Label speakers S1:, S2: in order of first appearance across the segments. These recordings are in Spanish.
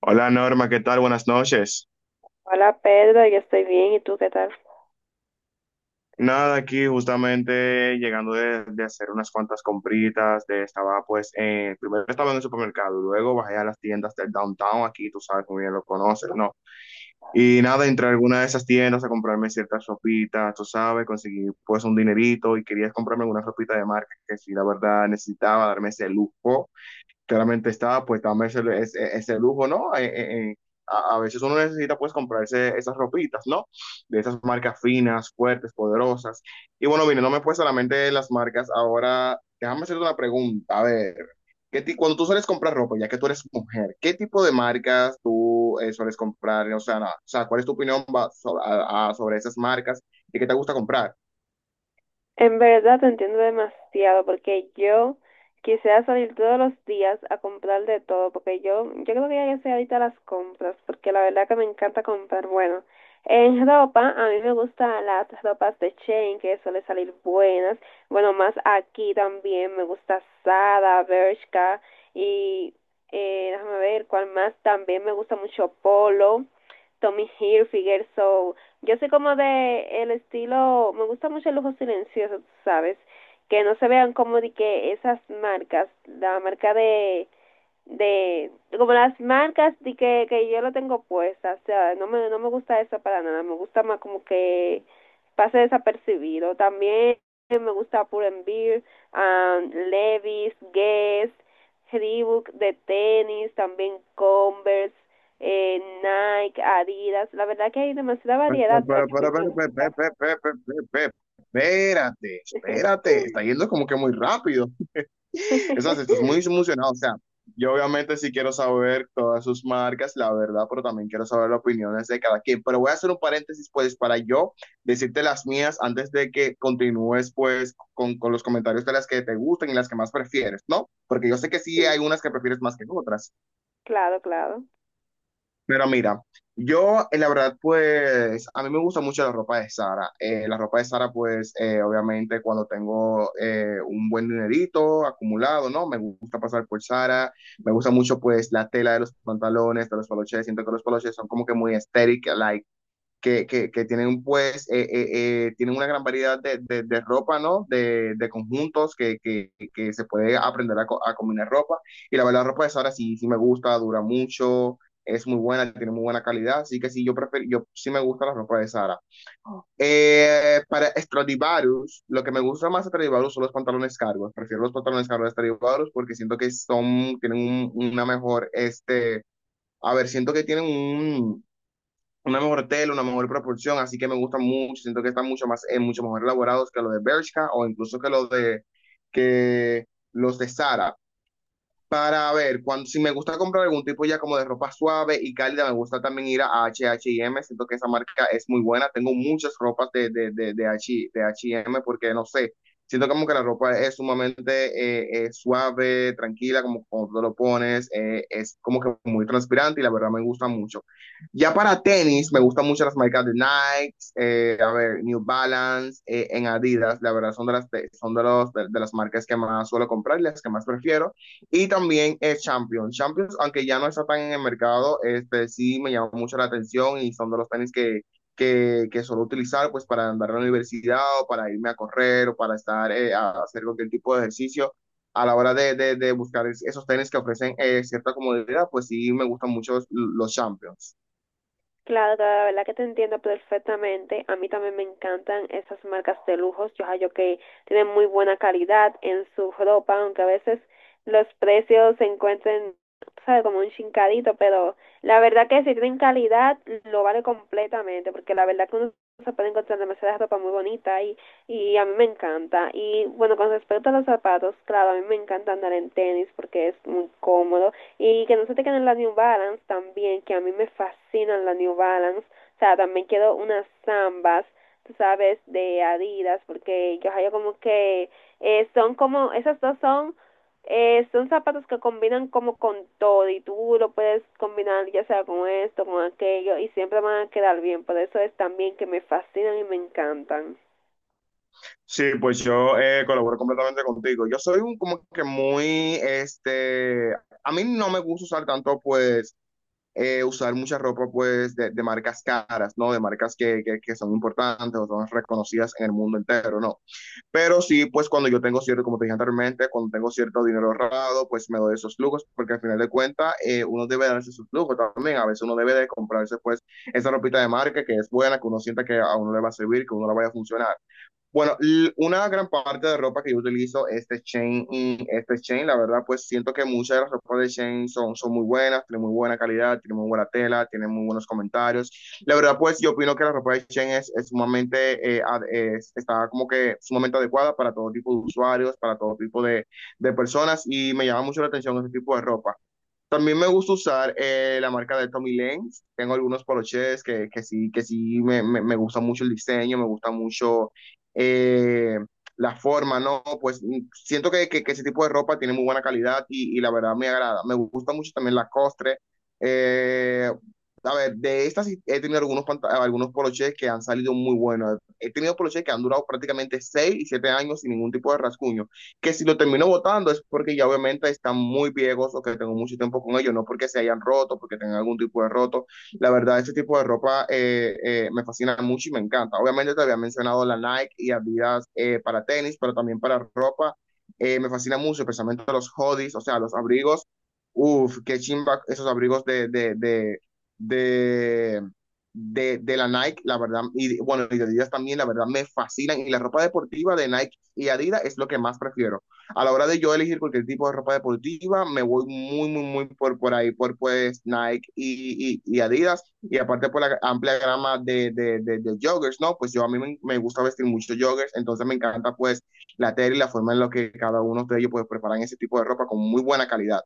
S1: Hola Norma, ¿qué tal? Buenas noches.
S2: Hola Pedro, yo estoy bien, ¿y tú qué tal?
S1: Nada, aquí justamente llegando de hacer unas cuantas compritas, de, estaba pues, primero estaba en el supermercado, luego bajé a las tiendas del downtown, aquí tú sabes muy bien lo conoces, ¿no? Y nada, entré a alguna de esas tiendas a comprarme ciertas ropitas, tú sabes, conseguí pues un dinerito y quería comprarme una ropita de marca que sí, la verdad necesitaba darme ese lujo. Claramente está pues dame ese lujo, ¿no? Veces uno necesita pues comprarse esas ropitas, ¿no? De esas marcas finas, fuertes, poderosas. Y bueno, mire, no me pues solamente las marcas. Ahora, déjame hacerte una pregunta. A ver, ¿cuando tú sueles comprar ropa, ya que tú eres mujer, qué tipo de marcas tú sueles comprar? O sea, no, o sea, ¿cuál es tu opinión sobre esas marcas y qué te gusta comprar?
S2: En verdad te entiendo demasiado porque yo quisiera salir todos los días a comprar de todo porque yo creo que ya yo soy ahorita las compras porque la verdad que me encanta comprar. Bueno, en ropa a mí me gustan las ropas de Shein que suelen salir buenas. Bueno, más aquí también me gusta Zara, Bershka y déjame ver cuál más. También me gusta mucho Polo, Tommy Hilfiger, so... Yo soy como de el estilo, me gusta mucho el lujo silencioso, sabes, que no se vean como de que esas marcas, la marca de como las marcas de que yo lo tengo puesta, o sea, no me gusta eso para nada, me gusta más como que pase desapercibido. También me gusta Pull&Bear, Levi's, Guess, Reebok de tenis, también Converse, Nike, Adidas. La verdad que hay demasiada variedad de lo que a mí me
S1: Pero, pe- pe-
S2: gusta.
S1: pe- pe- pe- pe- pe- Espérate, está yendo como que muy rápido. Estás muy emocionado. O sea, yo obviamente sí quiero saber todas sus marcas, la verdad, pero también quiero saber las opiniones de cada quien. Pero voy a hacer un paréntesis, pues, para yo decirte las mías antes de que continúes, pues, con los comentarios de las que te gustan y las que más prefieres, ¿no? Porque yo sé que sí hay
S2: Sí,
S1: unas que prefieres más que otras.
S2: claro, claro.
S1: Pero mira, yo la verdad pues a mí me gusta mucho la ropa de Sara. La ropa de Sara pues obviamente cuando tengo un buen dinerito acumulado, ¿no? Me gusta pasar por Sara, me gusta mucho pues la tela de los pantalones, de los poloches, siento que los poloches son como que muy estéticos, like que tienen pues, tienen una gran variedad de ropa, ¿no? De conjuntos se puede aprender a combinar ropa. Y la verdad, la ropa de Sara sí, sí me gusta, dura mucho, es muy buena, tiene muy buena calidad, así que sí, yo, prefiero, yo sí me gusta la ropa de Sara. Para Stradivarius, lo que me gusta más de Stradivarius son los pantalones cargos. Prefiero los pantalones cargos de Stradivarius porque siento que son, tienen un, una mejor, a ver, siento que tienen un, una mejor tela, una mejor proporción, así que me gustan mucho, siento que están mucho más, mucho mejor elaborados que los de Bershka o incluso que los que los de Sara. Para ver, cuando, si me gusta comprar algún tipo ya como de ropa suave y cálida, me gusta también ir a H y M, siento que esa marca es muy buena, tengo muchas ropas de H&M, porque no sé, siento como que la ropa es sumamente suave, tranquila, como cuando tú lo pones, es como que muy transpirante y la verdad me gusta mucho. Ya para tenis, me gustan mucho las marcas de Nike, a ver, New Balance, en Adidas, la verdad son de las, son de los, de las marcas que más suelo comprar y las que más prefiero. Y también es Champions. Champions, aunque ya no está tan en el mercado, este sí me llamó mucho la atención y son de los tenis que suelo utilizar pues para andar a la universidad o para irme a correr o para estar a hacer cualquier tipo de ejercicio. A la hora de buscar esos tenis que ofrecen cierta comodidad, pues sí me gustan mucho los Champions.
S2: Claro, claro, la verdad que te entiendo perfectamente. A mí también me encantan esas marcas de lujos. Yo hallo que tienen muy buena calidad en su ropa, aunque a veces los precios se encuentren, sabe, como un chincadito, pero la verdad que si tienen calidad, lo vale completamente, porque la verdad que uno se puede encontrar demasiada ropa muy bonita y a mí me encanta. Y bueno, con respecto a los zapatos, claro, a mí me encanta andar en tenis porque es muy cómodo y que no se te queden las New Balance también, que a mí me fascinan las New Balance. O sea, también quiero unas zambas, tú sabes, de Adidas, porque yo hallo como que son como, esas dos son, son zapatos que combinan como con todo y tú lo puedes combinar ya sea con esto, con aquello y siempre van a quedar bien. Por eso es también que me fascinan y me encantan.
S1: Sí, pues yo colaboro completamente contigo. Yo soy un como que muy, a mí no me gusta usar tanto pues usar mucha ropa pues marcas caras, ¿no? De marcas son importantes o son reconocidas en el mundo entero, ¿no? Pero sí, pues cuando yo tengo cierto, como te dije anteriormente, cuando tengo cierto dinero ahorrado, pues me doy esos lujos, porque al final de cuentas uno debe darse sus lujos también, a veces uno debe de comprarse pues esa ropita de marca que es buena, que uno sienta que a uno le va a servir, que a uno le vaya a funcionar. Bueno, una gran parte de ropa que yo utilizo es de Shein, y este Shein, la verdad, pues siento que muchas de las ropas de Shein son, son muy buenas, tienen muy buena calidad, tienen muy buena tela, tienen muy buenos comentarios. La verdad, pues yo opino que la ropa de Shein es sumamente, está como que sumamente adecuada para todo tipo de usuarios, para todo tipo de personas y me llama mucho la atención ese tipo de ropa. También me gusta usar la marca de Tommy Lenz. Tengo algunos poloches que sí me gusta mucho el diseño, me gusta mucho eh, la forma, ¿no? Pues mm, siento que ese tipo de ropa tiene muy buena calidad y la verdad me agrada. Me gusta mucho también la costre. Eh, a ver, de estas sí he tenido algunos, algunos polochés que han salido muy buenos. He tenido polochés que han durado prácticamente 6 y 7 años sin ningún tipo de rasguño, que si lo termino votando es porque ya obviamente están muy viejos o que tengo mucho tiempo con ellos, no porque se hayan roto, porque tengan algún tipo de roto. La verdad, ese tipo de ropa me fascina mucho y me encanta. Obviamente te había mencionado la Nike y Adidas para tenis, pero también para ropa. Me fascina mucho, especialmente los hoodies, o sea, los abrigos. Uf, qué chimba esos abrigos de de la Nike, la verdad, y bueno, y de Adidas también, la verdad, me fascinan. Y la ropa deportiva de Nike y Adidas es lo que más prefiero. A la hora de yo elegir cualquier tipo de ropa deportiva, me voy muy por ahí, por pues Nike y Adidas, y aparte por la amplia gama de joggers, ¿no? Pues yo a mí me gusta vestir mucho joggers, entonces me encanta pues la tela y la forma en la que cada uno de ellos pues preparan ese tipo de ropa con muy buena calidad.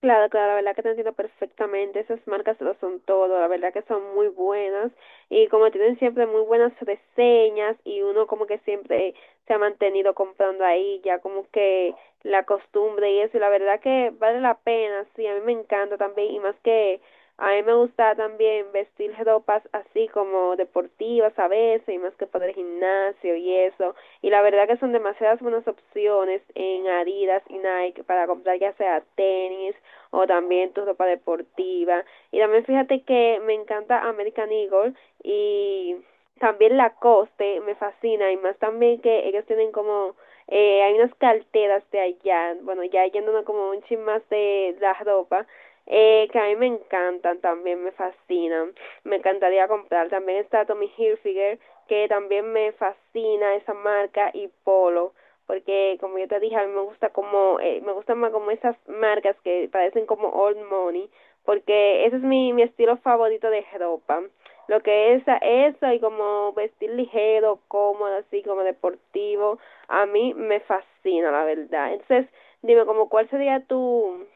S2: Claro, claro, la verdad que te entiendo perfectamente. Esas marcas lo son todo, la verdad que son muy buenas y como tienen siempre muy buenas reseñas y uno como que siempre se ha mantenido comprando ahí, ya como que la costumbre y eso, y la verdad que vale la pena, sí, a mí me encanta también y más que a mí me gusta también vestir ropas así como deportivas a veces y más que para el gimnasio y eso. Y la verdad que son demasiadas buenas opciones en Adidas y Nike para comprar ya sea tenis o también tu ropa deportiva. Y también fíjate que me encanta American Eagle y también la coste me fascina y más también que ellos tienen como hay unas carteras de allá, bueno, ya yéndonos como un chin más de la ropa, que a mí me encantan también, me fascinan. Me encantaría comprar. También está Tommy Hilfiger, que también me fascina esa marca, y Polo porque como yo te dije, a mí me gusta como, me gustan más como esas marcas que parecen como old money, porque ese es mi estilo favorito de ropa. Lo que es eso y como vestir ligero, cómodo, así como deportivo, a mí me fascina, la verdad. Entonces, dime, como cuál sería tu,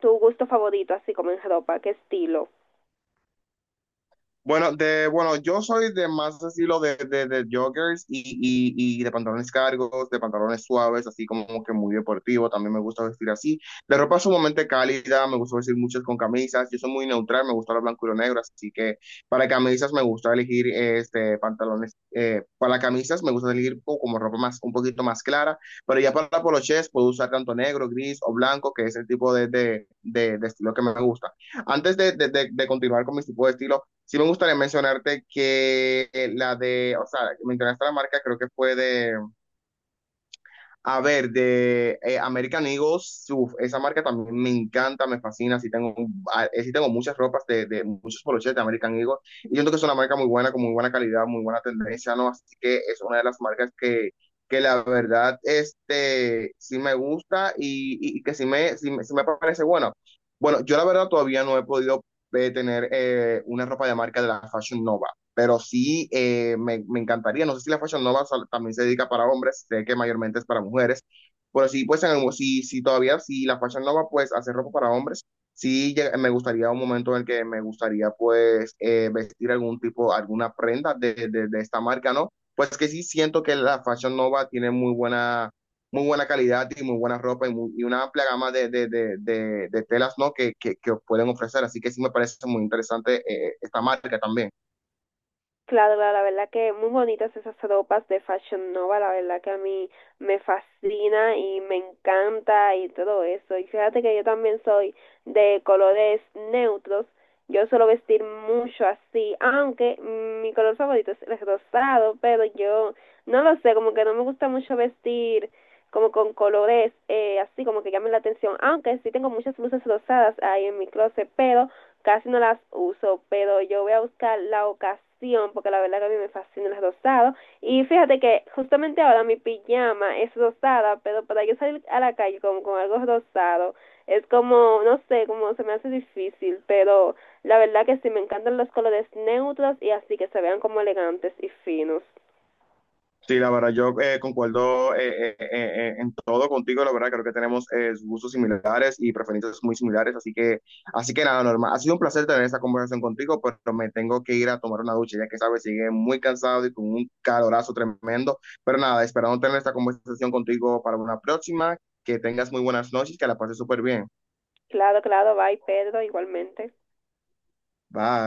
S2: tu gusto favorito, así como en ropa, qué estilo.
S1: Bueno, yo soy de más estilo de joggers y de pantalones cargos, de pantalones suaves, así como que muy deportivo. También me gusta vestir así. De ropa sumamente cálida, me gusta vestir muchas con camisas. Yo soy muy neutral, me gusta lo blanco y lo negro. Así que para camisas me gusta elegir este, pantalones. Para camisas me gusta elegir como ropa más, un poquito más clara. Pero ya para polochés puedo usar tanto negro, gris o blanco, que es el tipo de estilo que me gusta. Antes de continuar con mi tipo de estilo, sí me gustaría mencionarte que la de, o sea, mencionaste la marca, creo que fue de, a ver, de American Eagles, uf, esa marca también me encanta, me fascina, sí tengo, sí tengo muchas ropas de muchos poloches de American Eagles, y siento que es una marca muy buena, con muy buena calidad, muy buena tendencia, ¿no? Así que es una de las marcas que la verdad, sí me gusta y que sí me parece bueno. Bueno, yo la verdad todavía no he podido tener una ropa de marca de la Fashion Nova. Pero sí, me encantaría. No sé si la Fashion Nova también se dedica para hombres, sé que mayormente es para mujeres. Pero sí, pues en algún- si, si todavía, si la Fashion Nova pues hace ropa para hombres, me gustaría un momento en el que me gustaría pues vestir algún tipo, alguna prenda de esta marca, ¿no? Pues que sí siento que la Fashion Nova tiene muy buena calidad y muy buena ropa y, y una amplia gama de de telas, ¿no? Que pueden ofrecer. Así que sí me parece muy interesante esta marca también.
S2: Claro, claro, la verdad que muy bonitas esas ropas de Fashion Nova, la verdad que a mí me fascina y me encanta y todo eso. Y fíjate que yo también soy de colores neutros, yo suelo vestir mucho así, aunque mm, mi color favorito es el rosado, pero yo no lo sé, como que no me gusta mucho vestir como con colores así como que llamen la atención, aunque sí tengo muchas blusas rosadas ahí en mi closet, pero casi no las uso, pero yo voy a buscar la ocasión porque la verdad que a mí me fascinan las rosadas. Y fíjate que justamente ahora mi pijama es rosada, pero para yo salir a la calle con algo rosado es como, no sé, como se me hace difícil, pero la verdad que sí me encantan los colores neutros y así que se vean como elegantes y finos.
S1: Sí, la verdad, yo concuerdo en todo contigo, la verdad, creo que tenemos gustos similares y preferencias muy similares, así que nada, normal. Ha sido un placer tener esta conversación contigo, pero me tengo que ir a tomar una ducha, ya que sabes, sigue muy cansado y con un calorazo tremendo, pero nada, esperando tener esta conversación contigo para una próxima, que tengas muy buenas noches, que la pases súper bien.
S2: Claro, claro, bye Pedro, igualmente.
S1: Bye.